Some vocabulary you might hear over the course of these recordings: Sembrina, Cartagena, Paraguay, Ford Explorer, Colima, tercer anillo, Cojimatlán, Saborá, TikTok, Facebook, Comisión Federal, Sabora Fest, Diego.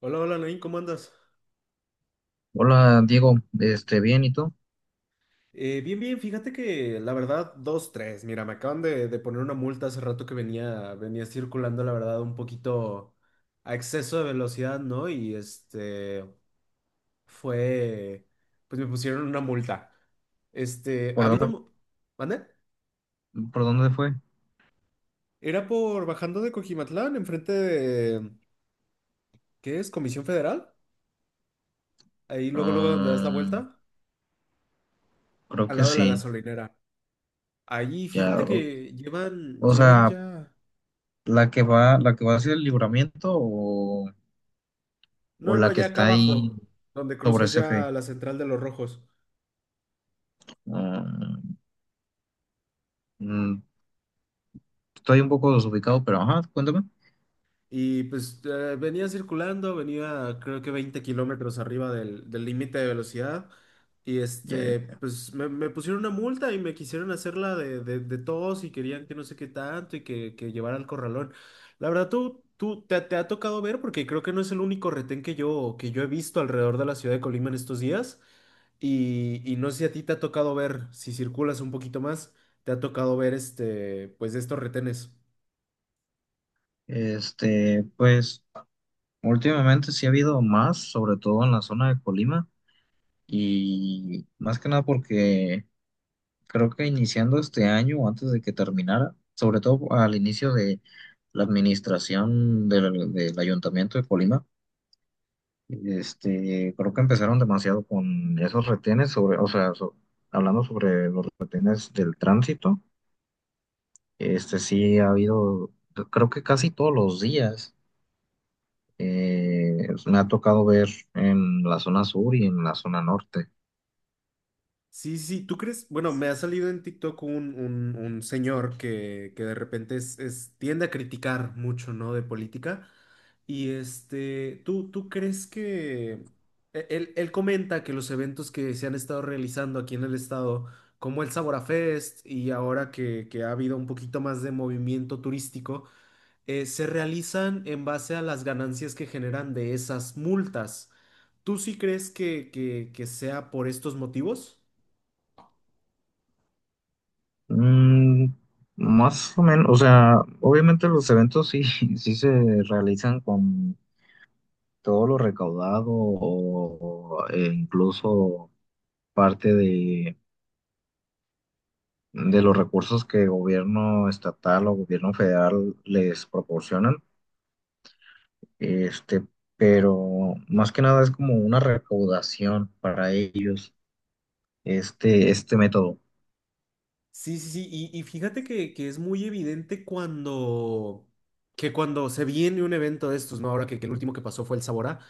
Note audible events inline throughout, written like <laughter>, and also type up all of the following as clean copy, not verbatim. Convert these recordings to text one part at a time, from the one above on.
Hola, hola, Nain, ¿cómo andas? Hola Diego, bien, ¿y tú? Bien, bien, fíjate que la verdad, dos, tres. Mira, me acaban de poner una multa hace rato que venía circulando, la verdad, un poquito a exceso de velocidad, ¿no? Y fue, pues me pusieron una multa. Ha ¿Por habido, dónde, ¿mande? por dónde fue? Era por bajando de Cojimatlán, enfrente de, ¿qué es? Comisión Federal. Ahí luego, luego donde das la Mm, vuelta, creo al que lado de la sí, gasolinera. Ahí, ya, fíjate que llevan, o llevan sea, ya. La que va hacia el libramiento, o No, no, la que ya acá está ahí abajo, donde sobre cruzas ese ya fe. la central de los rojos. Ah, mm, estoy un poco desubicado, pero ajá, cuéntame. Y pues venía circulando, venía creo que 20 kilómetros arriba del límite de velocidad. Y Ya. pues me pusieron una multa y me quisieron hacerla de tos y querían que no sé qué tanto y que llevara al corralón. La verdad, tú te ha tocado ver, porque creo que no es el único retén que yo he visto alrededor de la ciudad de Colima en estos días. Y no sé si a ti te ha tocado ver, si circulas un poquito más, te ha tocado ver pues estos retenes. Pues últimamente sí ha habido más, sobre todo en la zona de Colima, y más que nada porque creo que iniciando este año o antes de que terminara, sobre todo al inicio de la administración del Ayuntamiento de Colima, este, creo que empezaron demasiado con esos retenes sobre, o sea, hablando sobre los retenes del tránsito. Este, sí ha habido, creo que casi todos los días. Eh, me ha tocado ver en la zona sur y en la zona norte. Sí, sí, sí, ¿tú crees? Bueno, me ha salido en TikTok un señor que de repente tiende a criticar mucho, ¿no? De política. Y ¿tú, crees que él comenta que los eventos que se han estado realizando aquí en el estado, como el Sabora Fest y ahora que ha habido un poquito más de movimiento turístico, ¿se realizan en base a las ganancias que generan de esas multas? ¿Tú sí crees que sea por estos motivos? Mm, más o menos, o sea, obviamente los eventos sí, <laughs> sí se realizan con todo lo recaudado o incluso parte de los recursos que gobierno estatal o gobierno federal les proporcionan. Este, pero más que nada es como una recaudación para ellos, este método. Sí, sí, sí, y fíjate que es muy evidente cuando, que cuando se viene un evento de estos, ¿no? Ahora que el último que pasó fue el Saborá,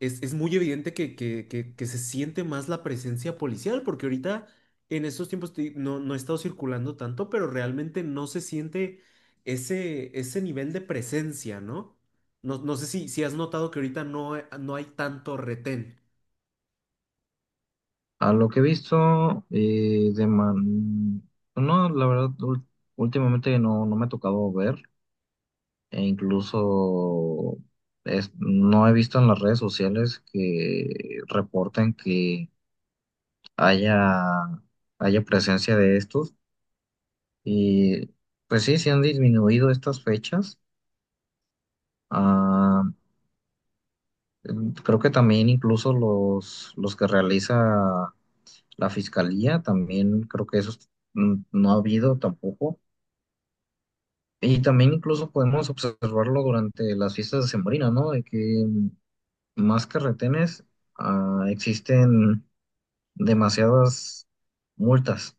es muy evidente que se siente más la presencia policial, porque ahorita en estos tiempos no, no he estado circulando tanto, pero realmente no se siente ese nivel de presencia, ¿no? No, no sé si has notado que ahorita no, no hay tanto retén. A lo que he visto, eh. No, la verdad, últimamente no, no me ha tocado ver, e incluso no he visto en las redes sociales que reporten que haya, haya presencia de estos. Y pues sí, se han disminuido estas fechas. Ah, mm, creo que también incluso los que realiza la fiscalía, también creo que esos mm, no ha habido tampoco. Y también incluso podemos observarlo durante las fiestas de Sembrina, ¿no? De que más que retenes, ah, existen demasiadas multas.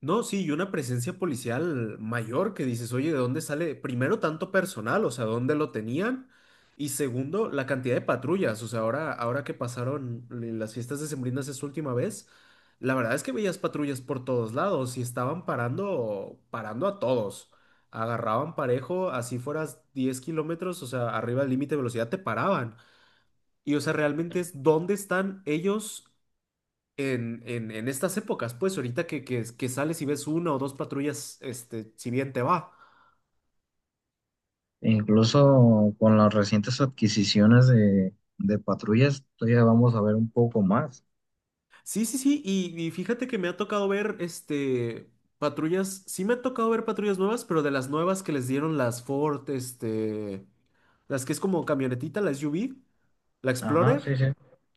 No, sí, y una presencia policial mayor que dices, oye, ¿de dónde sale? Primero, tanto personal, o sea, ¿dónde lo tenían? Y segundo, la cantidad de patrullas, o sea, ahora que pasaron las fiestas decembrinas esa última vez, la verdad es que veías patrullas por todos lados y estaban parando a todos. Agarraban parejo, así fueras 10 kilómetros, o sea, arriba del límite de velocidad te paraban. Y o sea, realmente es dónde están ellos en estas épocas, pues ahorita que sales y ves una o dos patrullas, este, si bien te va. E incluso con las recientes adquisiciones de patrullas, todavía vamos a ver un poco más. Sí, sí, sí, y fíjate que me ha tocado ver, este, patrullas, sí me ha tocado ver patrullas nuevas, pero de las nuevas que les dieron las Ford, este, las que es como camionetita, la SUV, la Ajá, sí, Explorer. sí.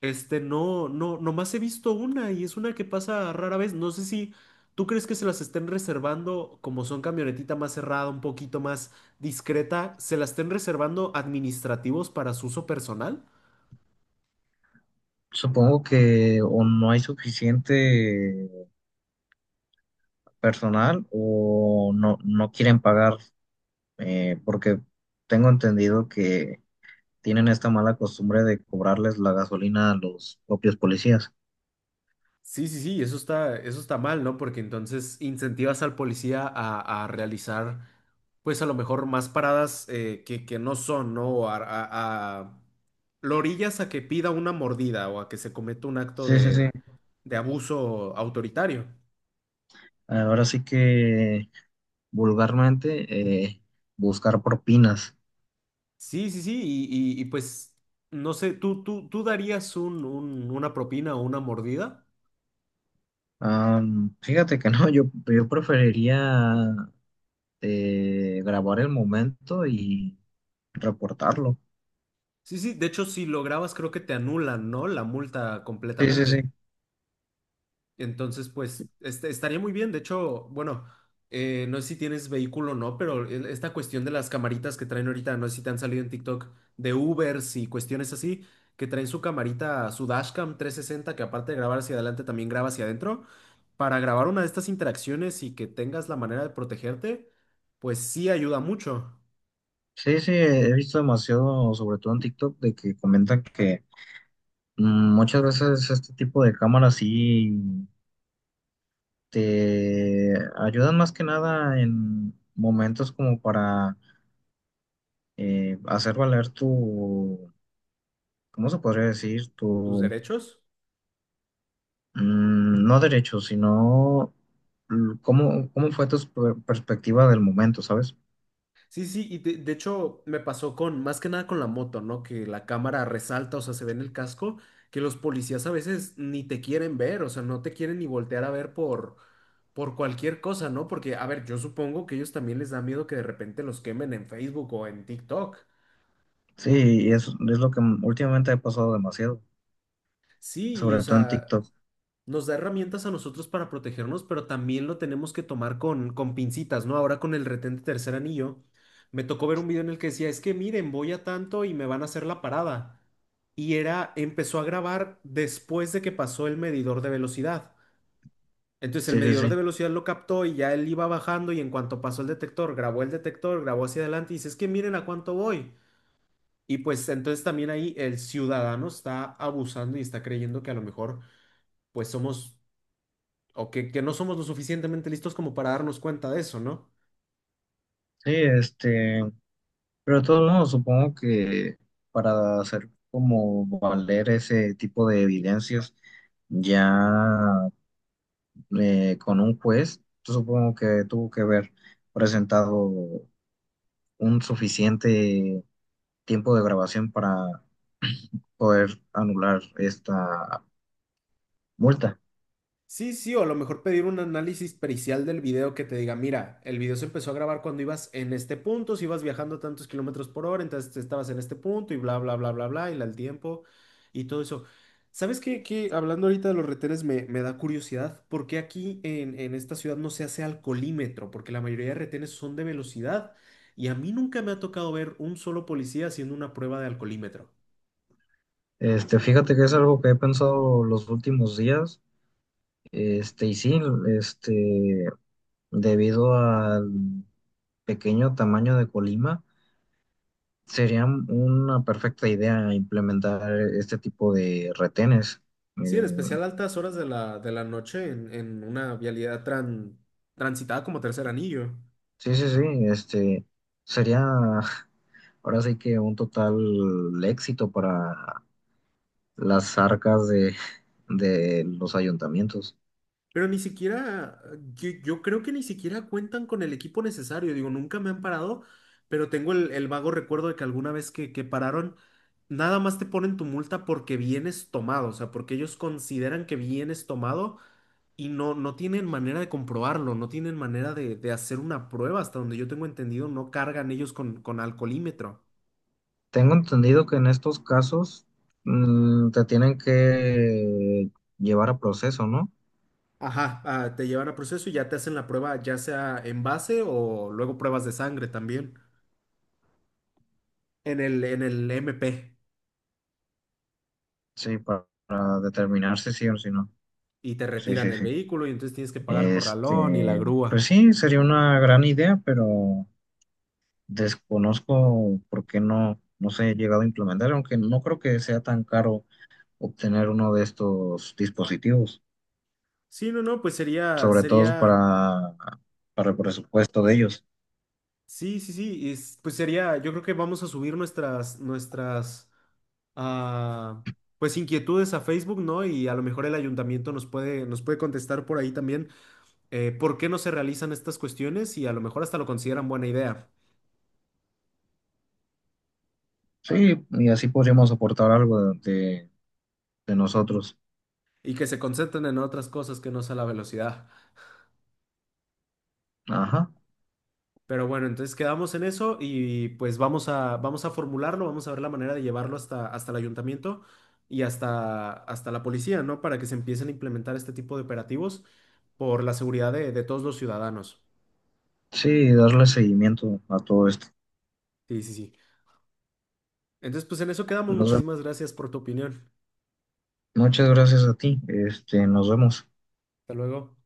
Este, no, no, nomás he visto una y es una que pasa rara vez. No sé si tú crees que se las estén reservando, como son camionetita más cerrada, un poquito más discreta, se las estén reservando administrativos para su uso personal. Supongo que o no hay suficiente personal o no, no quieren pagar, porque tengo entendido que tienen esta mala costumbre de cobrarles la gasolina a los propios policías. Sí, sí, sí, eso está mal, ¿no? Porque entonces incentivas al policía a realizar, pues a lo mejor más paradas que no son, ¿no? O A, a- Lo orillas a que pida una mordida o a que se cometa un acto Sí, sí, sí. De abuso autoritario. Ahora sí que vulgarmente, buscar propinas. Sí, sí, sí, y, y, pues, no sé, tú darías una propina o una mordida? Am, fíjate que no, yo preferiría, grabar el momento y reportarlo. Sí, sí, de hecho, si lo grabas creo que te anulan, ¿no? La multa Sí, sí, sí. completamente. Entonces, pues este, estaría muy bien. De hecho, bueno, no sé si tienes vehículo o no, pero esta cuestión de las camaritas que traen ahorita, no sé si te han salido en TikTok de Ubers y cuestiones así, que traen su camarita, su dashcam 360 que aparte de grabar hacia adelante, también graba hacia adentro. Para grabar una de estas interacciones y que tengas la manera de protegerte, pues sí ayuda mucho. Sí, sí, he visto demasiado, sobre todo en TikTok, de que comentan que mm, muchas veces este tipo de cámaras sí te ayudan más que nada en momentos como para hacer valer tu, ¿cómo se podría decir? ¿Tus Tu, derechos? mm, no derecho, sino mm, cómo, cómo fue tu perspectiva del momento, ¿sabes? Sí, sí, y de hecho me pasó con, más que nada con la moto, ¿no? Que la cámara resalta, o sea, se ve en el casco, que los policías a veces ni te quieren ver, o sea, no te quieren ni voltear a ver por cualquier cosa, ¿no? Porque, a ver, yo supongo que ellos también les da miedo que de repente los quemen en Facebook o en TikTok. Sí, y es lo que últimamente ha pasado demasiado, Sí, y, o sobre todo en sea, TikTok. nos da herramientas a nosotros para protegernos, pero también lo tenemos que tomar con pincitas, ¿no? Ahora con el retén de tercer anillo, me tocó ver un video en el que decía, es que miren, voy a tanto y me van a hacer la parada. Y era, empezó a grabar después de que pasó el medidor de velocidad. Entonces el Sí, sí, medidor de sí. velocidad lo captó y ya él iba bajando y en cuanto pasó el detector, grabó hacia adelante y dice, es que miren a cuánto voy. Y pues entonces también ahí el ciudadano está abusando y está creyendo que a lo mejor pues somos o que no somos lo suficientemente listos como para darnos cuenta de eso, ¿no? Sí, este, pero de todos modos, supongo que para hacer como valer ese tipo de evidencias, ya, con un juez, yo supongo que tuvo que haber presentado un suficiente tiempo de grabación para poder anular esta multa. Sí, sí, o a lo mejor pedir un análisis pericial del video que te diga, mira, el video se empezó a grabar cuando ibas en este punto, si ibas viajando tantos kilómetros por hora, entonces estabas en este punto y bla, bla, bla, bla, bla, y el tiempo y todo eso. ¿Sabes qué? ¿Qué? Hablando ahorita de los retenes, me da curiosidad, ¿por qué aquí en esta ciudad no se hace alcoholímetro? Porque la mayoría de retenes son de velocidad y a mí nunca me ha tocado ver un solo policía haciendo una prueba de alcoholímetro. Este, fíjate que es algo que he pensado los últimos días. Este, y sí, este, debido al pequeño tamaño de Colima, sería una perfecta idea implementar este tipo de retenes. Eh, Sí, en especial altas horas de de la noche en una vialidad transitada como tercer anillo. sí, sí, sí, este, sería <laughs> ahora sí que un total éxito para las arcas de los ayuntamientos. Pero ni siquiera, yo creo que ni siquiera cuentan con el equipo necesario. Digo, nunca me han parado, pero tengo el vago recuerdo de que alguna vez que pararon, nada más te ponen tu multa porque vienes tomado, o sea, porque ellos consideran que vienes tomado y no, no tienen manera de comprobarlo, no tienen manera de hacer una prueba. Hasta donde yo tengo entendido, no cargan ellos con alcoholímetro. Tengo entendido que en estos casos mm, te tienen que llevar a proceso, ¿no? Ajá, ah, te llevan a proceso y ya te hacen la prueba, ya sea en base o luego pruebas de sangre también en en el MP Sí, para determinar si sí o si no. y te Sí, retiran sí, el sí. vehículo y entonces tienes que pagar corralón y la Este, pues grúa. sí, sería una gran idea, pero desconozco por qué no, no se ha llegado a implementar, aunque no creo que sea tan caro obtener uno de estos dispositivos. Sí, no, no, pues Sobre todo sería, para el presupuesto de ellos. sí, sí, sí, pues sería, yo creo que vamos a subir nuestras, ah, pues inquietudes a Facebook, ¿no? Y a lo mejor el ayuntamiento nos puede contestar por ahí también por qué no se realizan estas cuestiones y a lo mejor hasta lo consideran buena idea. Sí, y así podríamos aportar algo de de nosotros. Y que se concentren en otras cosas que no sea la velocidad. Ajá. Pero bueno, entonces quedamos en eso y pues vamos vamos a formularlo, vamos a ver la manera de llevarlo hasta el ayuntamiento y hasta la policía, ¿no? Para que se empiecen a implementar este tipo de operativos por la seguridad de todos los ciudadanos. Sí, darle seguimiento a todo esto. Sí, sí, sí. Entonces, pues en eso quedamos. Nos vemos. Muchísimas gracias por tu opinión. Muchas gracias a ti. Este, nos vemos. Hasta luego.